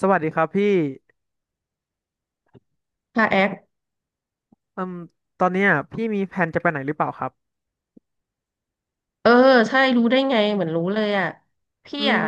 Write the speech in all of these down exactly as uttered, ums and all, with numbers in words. สวัสดีครับพี่ค่ะแอคอืมตอนเนี้ยพี่มีแผนจะไปไหนหรือเปล่าครับเออใช่รู้ได้ไงเหมือนรู้เลยอ่ะพี่อือ่ะ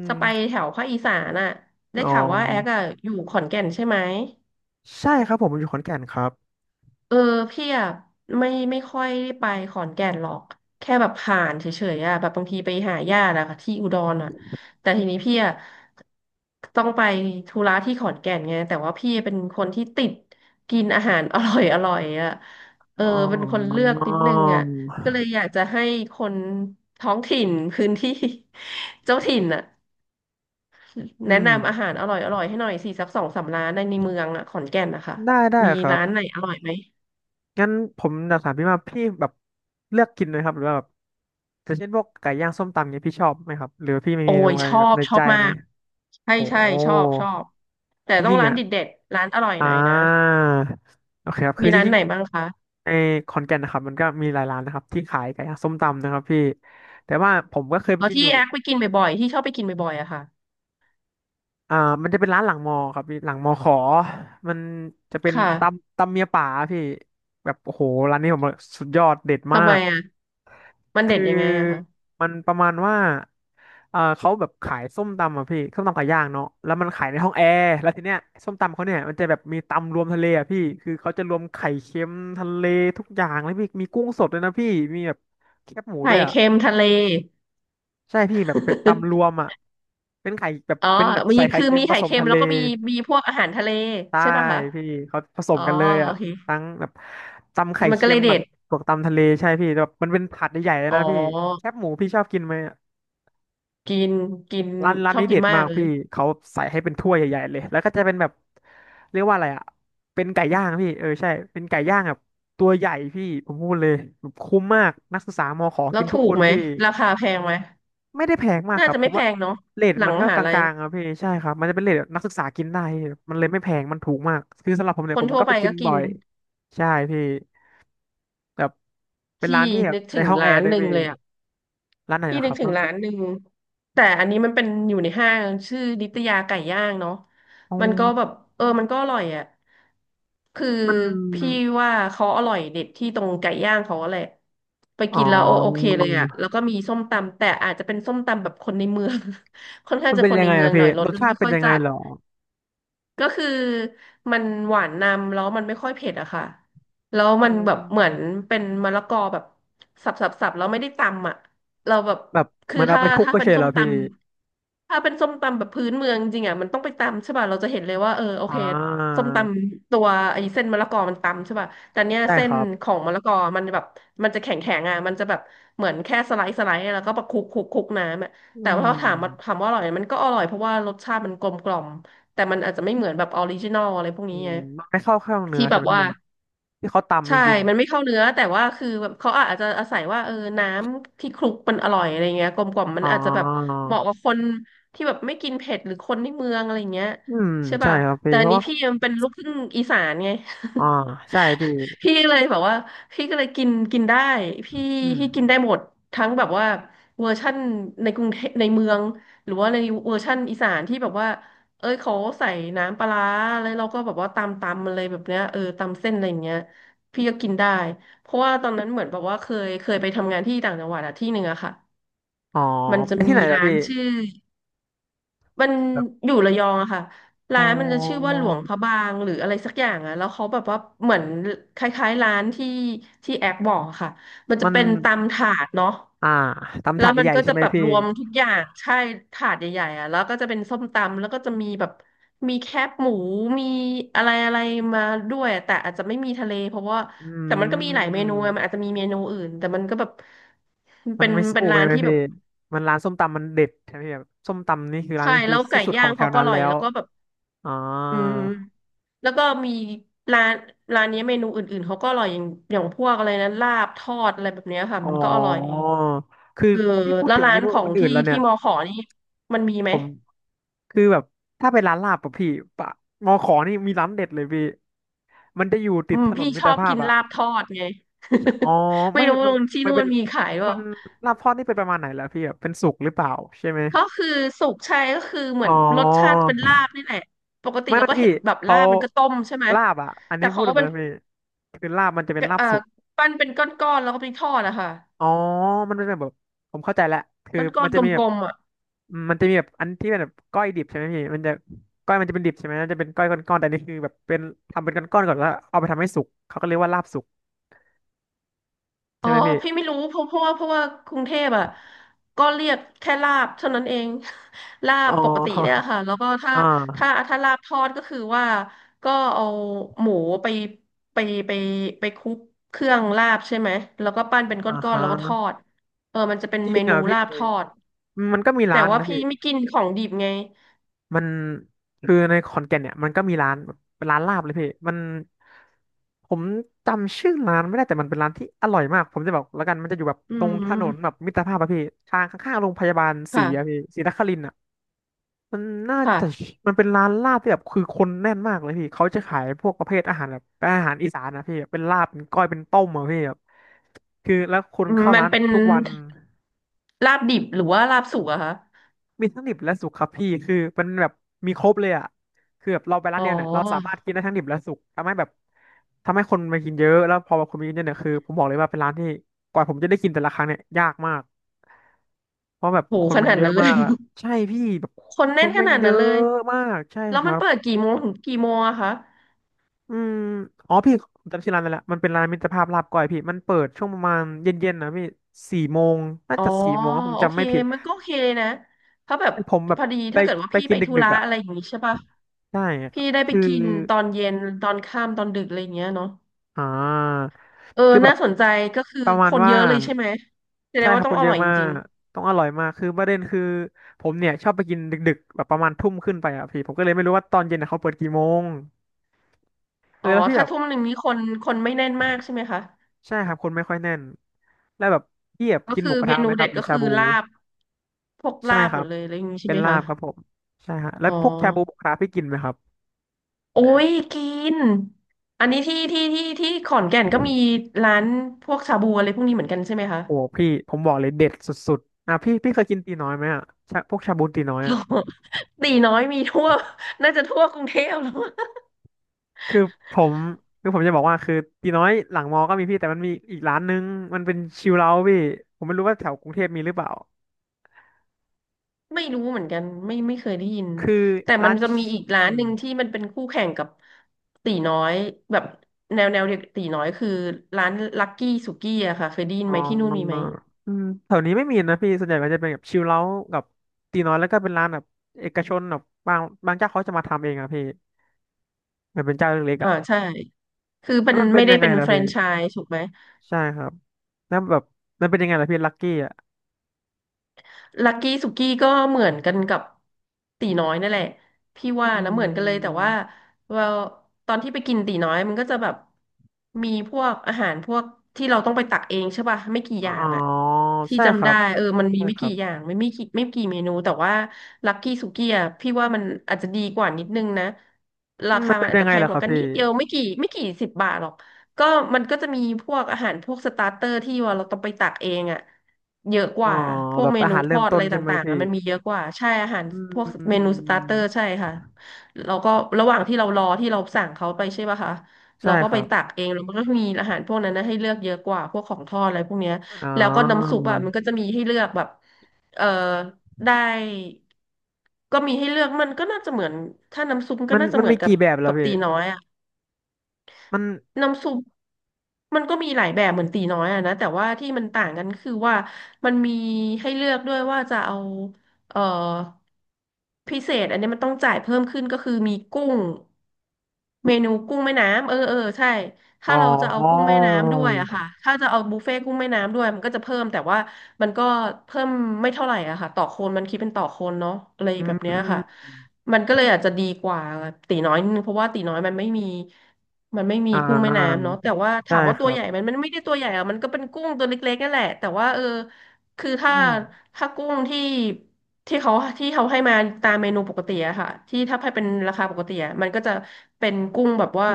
มจะไปแถวภาคอีสานอ่ะได้อ๋อข่าวว่าแอคอ่ะอยู่ขอนแก่นใช่ไหม ใช่ครับผมอยู่ขอนแก่นครับเออพี่อ่ะไม่ไม่ค่อยได้ไปขอนแก่นหรอกแค่แบบผ่านเฉยๆอ่ะแบบบางทีไปหาญาติอะค่ะที่อุดรอ่ะแต่ทีนี้พี่อ่ะต้องไปธุระที่ขอนแก่นไงแต่ว่าพี่เป็นคนที่ติดกินอาหารอร่อยอร่อยอ่ะเอออ๋อเป็นคนเลือกนิดนึงอ่ะก็เลยอยากจะให้คนท้องถิ่นพื้นที่ เจ้าถิ่นอ่ะอืแนะมนำอาหารอร่อยอร่อยให้หน่อยสิสักสองสามร้านในในเมืองอ่ะขอนแก่นนะคะได้ได้มีครับร้านไหนอร่อยไหม งั้นผมอยากถามพี่ว่าพี่แบบเลือกกินไหมครับหรือว่าแบบอย่างเช่นพวกไก่ย่างส้มตำเนี้ยพี่ชอบไหมครับหรือว่าพี่มีโอ้เมนูยอะชไรอแบบบในชอใจบมาไหมกใช่โหใช่ชอบชอบแต่จต้องริงๆร้านเนี่ยเด็ดๆร้านอร่อยอ่หน่อยนะาโอเคครับคืมีอจร้านริง ไหนบ้างคะในขอนแก่นนะครับมันก็มีหลายร้านนะครับที่ขายไก่ย่างส้มตำนะครับพี่แต่ว่าผมก็เคยไปอ๋อกินอที่ยู่แอคไปกินบ่อยๆที่ชอบไปกินบ่อยๆอะค่ะอ่ามันจะเป็นร้านหลังมอครับพี่หลังมอขอมันจะเป็นค่ะตำตำเมียป่าพี่แบบโอ้โหร้านนี้ผมว่าสุดยอดเด็ดมาทำไมกอะมันเด็คืดอยังไงอะคะมันประมาณว่าเออเขาแบบขายส้มตำอ่ะพี่ส้มตำไก่ย่างเนาะแล้วมันขายในห้องแอร์แล้วทีเนี้ยส้มตำเขาเนี่ยมันจะแบบมีตำรวมทะเลอ่ะพี่คือเขาจะรวมไข่เค็มทะเลทุกอย่างแล้วพี่มีกุ้งสดด้วยนะพี่มีแบบแคบหมูไข่ด้วยอ่ะ เค็มทะเล ใช่พี่แบบเป็นตำรวมอ่ะเป็นไข่แบบ อ๋อเป็นแบบมีใส่ไข่คือเค็มมีผไข่สมเค็มทะเลแล้วก็มีมีพวกอาหารทะเลใช่ใช่ป่ะคะพี่เขาผสอ๋อมกันเลยโออ่ะเคทั้งแบบตำไข่มันก็เค็เลมยแบเด็บดบวกตำทะเลใช่พี่แต่แบบมันเป็นผัดใหญ่ๆเลยอ๋นะพี่แคอบหมูพี่ชอบกินไหมอะกินกินร้านร้านชอบนี้กิเด็นดมามากกเลยพี่เขาใส่ให้เป็นถ้วยใหญ่ๆเลยแล้วก็จะเป็นแบบเรียกว่าอะไรอ่ะเป็นไก่ย่างพี่เออใช่เป็นไก่ย่างแบบตัวใหญ่พี่ผมพูดเลยแบบคุ้มมากนักศึกษามอขอแล้กิวนทุถูกคกนไหมพี่ ราคาแพงไหมไม่ได้แพงมากน่าครับจะผไม่มแพว่างเนาะเรทหลัมังนมก็หากลัยลางๆครับพี่ใช่ครับมันจะเป็นเรทแบบนักศึกษากินได้พี่มันเลยไม่แพงมันถูกมากคือสำหรับผมเนี่คยผนมทั่วก็ไปไปกินก็กิบ่น อยใช่พี่แบบเป็นพี่ร้านที่แบบนึกในถึงห้องแอร้าร์นด้วหยนึ่งพี่เลยอ่ะร้านไหนพี่นะคนึกรับถึมังนร้านหนึ่งแต่อันนี้มันเป็นอยู่ในห้างชื่อนิตยาไก่ย่างเนาะอ๋อมันก็แบบเออมันก็อร่อยอ่ะคือมันพี่ว่าเขาอร่อยเด็ดที่ตรงไก่ย่างเขาแหละไปอ๋อกินแล้วโอโอเคเลยอ่ะแล้วก็มีส้มตำแต่อาจจะเป็นส้มตำแบบคนในเมือง ค่อนข้ามังนจะเป็นคนยังในไงเมืออะงหพี่น่อยรรสสมันชาไม่ติเป็นค่อยยังไงจัด เหรอก็คือมันหวานนำแล้วมันไม่ค่อยเผ็ดอะค่ะแล้วอืมันแบบมเหมือนเป็นมะละกอแบบสับสับสับแล้วไม่ได้ตำอะเราแบบแบบเหคือมันเอาถ้าไปคลุกถ้าก็เป็เฉนยเหส้รมอตพี่ำถ้าเป็นส้มตำแบบพื้นเมืองจริงอะมันต้องไปตำใช่ป่ะเราจะเห็นเลยว่าเออโอเคอ่าส้มตำตัวไอ้เส้นมะละกอมันตำใช่ป่ะแต่เนี้ยใช่เส้คนรับของมะละกอมันแบบมันจะแข็งแข็งอะมันจะแบบเหมือนแค่สไลด์สไลด์แล้วก็ประคลุกคลุกคลุกน้ำอะอืแต่ว่าถามว่าถามมว่าอร่อยไหมมันก็อร่อยเพราะว่ารสชาติมันกลมกล่อม แต่มันอาจจะไม่เหมือนแบบออริจินอลอะไรพวกอืนี้มไงมันไม่เข้าเครื่องเนื้อที่แบใช่ไหบมว่าพี่ที่เขาตำจใช่ ริงๆอะมันไม่เข้าเนื้อแต่ว่าคือแบบเขาอาจจะอาศัยว่าเออน้ำที่คลุกมันอร่อยอะไรเงี้ยกลมกล่อมมัอ๋นอ อาจจะแบบเหมาะกับคนที่แบบไม่กินเผ็ดหรือคนในเมืองอะไรเงี้ยอืมใช่ใช่ป่ะครับแต่พี่อัเพนราะนี้ว่า พี่มันเป็นลูกครึ่งอีสานไง อ่าใช่พี่พี่เลยแบบว่าพี่ก็เลยกินกินได้พี่อืพี่กินได้มหมดทั้งแบบว่าเวอร์ชั่นในกรุงเทพในเมืองหรือว่าในเวอร์ชั่นอีสานที่แบบว่าเอ้ยเขาใส่น้ำปลาร้าแล้วเราก็แบบว่าตำตำอะไรแบบเนี้ยเออตำเส้นอะไรอย่างเงี้ยพี่ก็กินได้เพราะว่าตอนนั้นเหมือนแบบว่าเคยเคยไปทำงานที่ต่างจังหวัดอะที่หนึ่งอะค่ะอ๋อมันจะไปมีที่ไหนล่ะร้าพี่นชื่อ มันแบบอยู่ระยองอะค่ะอ๋อร้านมันจะชื่อว่าหลวงพระบางหรืออะไรสักอย่างอะแล้วเขาแบบว่าเหมือนคล้ายๆร้านที่ที่แอคบอกอะค่ะมันจะมัน เป็นตำถาดเนาะอ่าตำแล้ถาวดมันใหญ่ก็ใช่จะไหมแบบพี่รวมทุกอย่างใช่ถาดใหญ่ๆอะแล้วก็จะเป็นส้มตำแล้วก็จะมีแบบมีแคบหมูมีอะไรอะไรมาด้วยแต่อาจจะไม่มีทะเลเพราะว่าอืแต่มันก็มีหลายเมนูอะมันมอาจจะมีเมนูอื่นแต่มันก็แบบมัเป็นนไม่เป็สู้นเลร้ายนไหมที่แบพี่บมันร้านส้มตำมันเด็ดใช่ไหมพี่แบบส้มตำนี่คือร้านใช่นี้คืแล้อวไก่ที่สุดขย่าองงแถเขาวก็นั้อนร่อแล้ยวแล้วก็แบบอ่าอืม แล้วก็มีร้านร้านนี้เมนูอื่นๆเขาก็อร่อยอย่างอย่างพวกอะไรนะลาบทอดอะไรแบบเนี้ยค่ะอ๋อมันก็อร่อยคือเออพี่พูดแล้วถึงร้าเมนนูของอื่ที่นๆแล้วเนี่ที่ยมอขอนี่มันมีไหผมมคือแบบถ้าเป็นร้านลาบปะพี่ปะมอขอนี่มีร้านเด็ดเลยพี่มันจะอยู่ติอืดมถนพี่นมิชตอรบภากิพนอะ ลาบทอดไง ใช่อ๋อ ไม่ไม่รู้มันที่มันนู่เป็นนมีขายเปมัล่านลาบทอดนี่เป็นประมาณไหนแล้วพี่แบบเป็นสุกหรือเปล่าใช่ไหมก็คือสุกใช่ก็คือเหมือ๋ออนรสชาติเป็นลาบนี่แหละปกติไม่เราไม่ก็เห็พี่นแบบเขาลาบมันก็ต้มใช่ไหมลาบอ่ะอันแต่นี้พูเขาดตรเป็งๆนนะพี่คือลาบมันจะเป็นลาบเอ่อสุกปั้นเป็นก้อนๆแล้วก็ไปทอดอะค่ะอ๋อมันเป็นแบบผมเข้าใจแล้วคือก้มัอนนๆจะกมีแบบลมๆอ่ะ อืมมันจะมีแบบอันที่เป็นแบบก้อยดิบใช่ไหมพี่มันจะก้อยมันจะเป็นดิบใช่ไหมมันจะเป็นก้อยก้อนๆแต่อันนี่คือแบบเป็นทำเป็นก้อนๆก่อนแล้วเอาไปทำให้สุกเขาก็เรียกว่าลาบสุกอ๋ใช่อไหมพี่พี่ไม่รู้เพราะเพราะว่าเพราะว่ากรุงเทพอ่ะก็เรียกแค่ลาบเท่านั้นเอง ลาอ๋บปกติเนี่ยอ ค่ะแล้วก็ ถ้าอ่าถ้าถ้าลาบทอดก็คือว่าก็เอาหมูไปไปไปไปคลุกเครื่องลาบใช่ไหมแล้วก็ปั้นเป็นกอ่า้อนๆฮะแล้วก็ทอดเออมันจะเป็นจริเมงเหรนูอ่ะพี่ลาบทอดมันก็มีร้าแต่นว่านะพี่พี่ ไม่กินของดิบไงมันคือในขอนแก่นเนี่ยมันก็มีร้านเป็นร้านลาบเลยพี่มันผมจำชื่อร้านไม่ได้แต่มันเป็นร้านที่อร่อยมากผมจะบอกแล้วกันมันจะอยู่แบบอืตรงถนนแบมบมิตรภาพอะพี่ทางข้างๆโรงพยาบาลศรีอะค่ะพี่ศรีนครินทร์อะมันน่าค่ะจะมันเป็นร้านลาบที่แบบคือคนแน่นมากเลยพี่เขาจะขายพวกประเภทอาหารแบบเป็นอาหารอีสานนะพี่เป็นลาบเป็นก้อยเป็นต้มอะพี่แบบคือแล้วคนอืมเข้ามันร้านเป็นทุกวัน ลาบดิบหรือว่าลาบสุกอะคะมีทั้งดิบและสุกครับพี่คือมันแบบมีครบเลยอ่ะคือแบบเราไปร้าอ๋นอเดียวเนี่ยเราสามารถกินได้ทั้งดิบและสุกทำให้แบบทำให้คนมากินเยอะแล้วพอคนมากินเยอะเนี่ยคือผมบอกเลยว่าเป็นร้านที่กว่าผมจะได้กินแต่ละครั้งเนี่ยยากมากเพราะแบบโหคนขมันนาดเยอะนั้นเลมาย กอ่ะใช่พี่แบบคนคแน่นนขมันนาดเยนั้นเลอะย มากใช่แล้วคมัรันบเปิดกี่โมงถึงกี่โมงอะคะอืมอ๋อพี่ผมจำชื่อร้านได้แล้วมันเป็นร้านมิตรภาพลาบก้อยพี่มันเปิดช่วงประมาณเย็นๆนะพี่สี่โมงน่าอ๋อจะสี่โมงนะผมโอจำเคไม่ผิดมันก็โอเคนะเพราะแบบผมแบพบอดีไปถ้าเกิดว่าไปพี่กิไปนธุดึกระๆอ่ะ อะไรอย่างนี้ใช่ปะใช่ครัพี่บได้ไปคือกินตอนเย็นตอนค่ำตอนดึกอะไรอย่างเงี้ยเนาะอ่าเออคือแบน่าบสนใจก็คือประคมาณนเยว่าอะเลยใช่ไหมแสดใช่งคว่ารับต้อคงนอเยร่อะอยจมาริกงต้องอร่อยมากคือประเด็นคือผมเนี่ยชอบไปกินดึกๆแบบประมาณทุ่มขึ้นไปอ่ะพี่ผมก็เลยไม่รู้ว่าตอนเย็นน่ะเขาเปิดกี่โมงเอๆอ๋ออแล้วพี่แบถ้าบทุ่มหนึ่งนี้คนคนไม่แน่นมากใช่ไหมคะใช่ครับคนไม่ค่อยแน่นแล้วแบบพี่แบบก็กินคืหอมูกระเมทะไหนูมคเด็รับดหรือก็ชาคือบูลาบพวกใช่ลาบคหมรัดบเลยอะไรอย่างนี้ใช่เป็นไหมลาคะบครับผมใช่ฮะแล้อ๋วอ พวกชาบูหมูกระทะพี่กินไหมครับโอ้ยกินอันนี้ที่ที่ที่ที่ขอนแก่นก็มีร้านพวกชาบูอะไรพวกนี้เหมือนกันใช่ไหมคะ โอ้พี่ผมบอกเลยเด็ดสุดๆอ่ะพี่พี่เคยกินตีน้อยไหมอ่ะชาพวกชาบูตีน้อยอ่ะ ตีน้อยมีทั่ว น่าจะทั่วกรุงเทพแล้ว คือผมคือผมจะบอกว่าคือตีน้อยหลังมอก็มีพี่แต่มันมีอีกร้านนึงมันเป็นชิลเอาท์พี่ผมไม่รู้ว่าแถวกรุงเทพมีหรือเปล่า ไม่รู้เหมือนกันไม่ไม่เคยได้ยินคือแต่มัร้านนจะมีอีกร้าอืนหมนึ่งที่มันเป็นคู่แข่งกับตีน้อยแบบแนวแนวเดียวกับตีน้อยคือร้านลักกี้สุกี้อะค่ะเคยได้ยินอ๋ไหมที่นู่นมีไหมออืมแถวนี้ไม่มีนะพี่ส่วนใหญ่มันจะเป็นแบบชิลเอาท์กับตีน้อยแล้วก็เป็นร้านแบบเอกชนแบบบางบางเจ้าเขาจะมาทำเองอะพี่มันเป็นเจ้าเล็กๆอ่าอะใช่คือแล้มัวนมันเป็ไม่นได้ยังไงเป็นล่ะแฟรพี่นไชส์ถูกไหม ใช่ครับแล้วแบบมันเป็นยังไงล่ะพี่ลักกี้อะลักกี้สุกี้ก็เหมือนกันกับตีน้อยนั่นแหละพี่ว่าอืนะเหมือนกันเลยแต่ว่ามเราตอนที่ไปกินตีน้อยมันก็จะแบบมีพวกอาหารพวกที่เราต้องไปตักเองใช่ป่ะไม่กี่อย่าอ๋งอะอที่ใช่คจำรัได้บเออมันมีใช่ไม่ครักี่บอย่างไม่ไม่กี่ไม่กี่เมนูแต่ว่าลักกี้สุกี้อะพี่ว่ามันอาจจะดีกว่านิดนึงนะราอืมคามันมัเป็นนอาจยังจะไงแพงล่ะกคว่ารับกันพี่ นิดเดียวไม่กี่ไม่กี่สิบบาทหรอก ก็มันก็จะมีพวกอาหารพวกสตาร์เตอร์ที่ว่าเราต้องไปตักเองอ่ะเยอะกอ๋อว่าพวแบกบเมอานูหารทเริ่อมดต้อะนไรใช่ไหมต่างๆพี่อะมันมีเยอะกว่าใช่อาหารอืพวกเมนูสตาร์เตอร์ใช่มค่ะเราก็ระหว่างที่เรารอที่เราสั่งเขาไปใช่ป่ะคะใช่เราก็คไปรับตักเองแล้วมันก็มีอาหารพวกนั้นนะให้เลือกเยอะกว่าพวกของทอดอะไรพวกเนี้ยอ๋อแล้วก็น้ำซุปอ่ะมันก็จะมีให้เลือกแบบเออได้ก็มีให้เลือกมันก็น่าจะเหมือนถ้าน้ำซุปก็มันน่าจะมันเหมือมีนกับกี่แบบแล้แบวบพี่ตีน้อยอ่ะ มันน้ำซุปมันก็มีหลายแบบเหมือนตีน้อยอะนะแต่ว่าที่มันต่างกันคือว่ามันมีให้เลือกด้วยว่าจะเอาเอ่อพิเศษอันนี้มันต้องจ่ายเพิ่มขึ้นก็คือมีกุ้งเมนูกุ้งแม่น้ำเออเออใช่อ๋ถ้าอเราจะเอากุ้งแม่น้ำด้วยอะค่ะถ้าจะเอาบุฟเฟ่ต์กุ้งแม่น้ำด้วยมันก็จะเพิ่มแต่ว่ามันก็เพิ่มไม่เท่าไหร่อะค่ะต่อคนมันคิดเป็นต่อคนเนาะอะไรอืแบบเนี้ยค่ะมมันก็เลยอาจจะดีกว่าตีน้อยนิดนึงเพราะว่าตีน้อยมันไม่มี มันไม่มีอ่กุ้งแม่าน้ำเนาะแต่ว่าใช่ถามว่าคตัวรัใหบญ่ไหมันมันไม่ได้ตัวใหญ่อะมันก็เป็นกุ้งตัวเล็กๆนั่นแหละแต่ว่าเออคือถ้าอืมถ้ากุ้งที่ที่เขาที่เขาให้มาตามเมนูปกติอะค่ะที่ถ้าให้เป็นราคาปกติอะมันก็จะเป็นกุ้งแบบว่า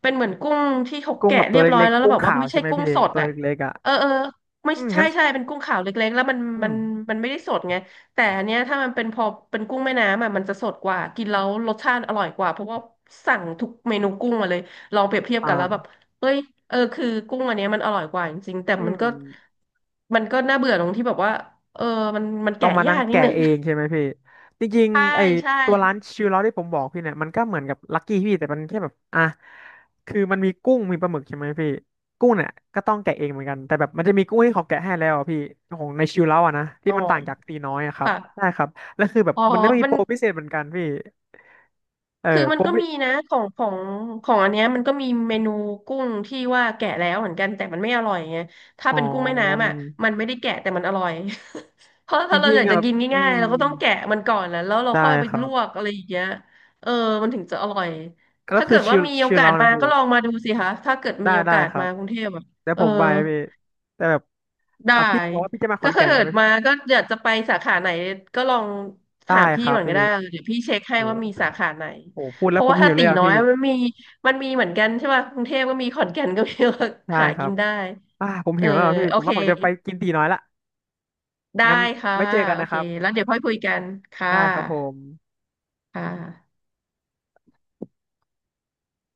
เป็นเหมือนกุ้งที่เขากุ้งแกะแบบตัเรีวยบร้อยเล็กแล้วๆแล้กุ้วงแบบว่าขาวไม่ใช่ใช่ไหมกุ้งพี่สดตัวอะเล็กๆอ่ะเออเออไม่อืมใช่งั้นใช่เป็นกุ้งขาวเล็กๆแล้วมันอืมันมมันไม่ได้สดไง แต่อันเนี้ยถ้ามันเป็นพอเป็นกุ้งแม่น้ำอ่ะมันจะสดกว่ากินแล้วรสชาติอร่อยกว่าเพราะว่าสั่งทุกเมนูกุ้งมาเลยลองเปรียบเทียบอ่กันแล้วแบบาเอ้ยเออคือกุ้งอันเนี้ยมันอร่อยกว่าจริงๆแต่อืมันม ก็มันก็น่าเบื่อตรงที่แบบว่าเออมันมันต้อแกะงมายานั่งกนิดแกะนึง เองใช่ไหมพี่จริง ใช่ๆไอใช่ตัวร้านชิวเราที่ผมบอกพี่เนี่ยมันก็เหมือนกับลักกี้พี่แต่มันแค่แบบอ่ะคือมันมีกุ้งมีปลาหมึกใช่ไหมพี่กุ้งเนี่ยก็ต้องแกะเองเหมือนกันแต่แบบมันจะมีกุ้งที่เขาแกะให้แล้วอะพี่ของในชิวเราอะนะที่อ๋อมันต่างจากตีน้อยอะครับค่ะใช่ครับแล้วคือแบบอ๋อมันต้องมีมัโปน รพิเศษเหมือนกันพี่เออคือมัโปนรก็พิมีนะของของของอันเนี้ยมันก็มีเมนูกุ้งที่ว่าแกะแล้วเหมือนกันแต่มันไม่อร่อยไงถ้าอ๋อเป็นกุ้งแม่น้ำอ่ะมันไม่ได้แกะแต่มันอร่อย เพราะจถ้าเราริองยากๆจะอ่ะกินอืง่ายมๆเราก็ต้องแกะมันก่อนนะแล้วเราใช่ค่อยไปครัลวบกอะไรอย่างเงี้ยเออมันถึงจะอร่อยก็ถ้าคืเกิอดชิว่าวมีโอชิวกาสเรานะมาพี่ ก็ลองมาดูสิคะถ้าเกิดได้มีโอได้กาสครัมาบกรุงเทพอ่ะเดี๋ยวเออ ผมไปพี่แต่แบบได้อ่ะพี่บอกว่าพี่จะมาขอก็นถ้าแก่นเกิใช่ดไหมมาก็อยากจะไปสาขาไหนก็ลองถาได้มคพี่รับก่อนพี่ก็ได้เดี๋ยวพี่เช็คให้โอ้ว่าโหมีสาขาไหนพูดเพแล้วราะผมว่าหิถ้าวเลตียอ่ะน้อพี่ยมันมีมันมีเหมือนกันใช่ป่ะกรุงเทพก็มีขอนแก่นก็มี ใช่ หาครักิบนได้อ่าผมเออหิวแล้วอะพี่โอผมเคว่าผมจะไปกินตีน้อยละได้งั้นค่ะไว้เจอกันโอนะคเครับแล้วเดี๋ยวค่อยคุยกันค่ะได้ครับผมค่ะ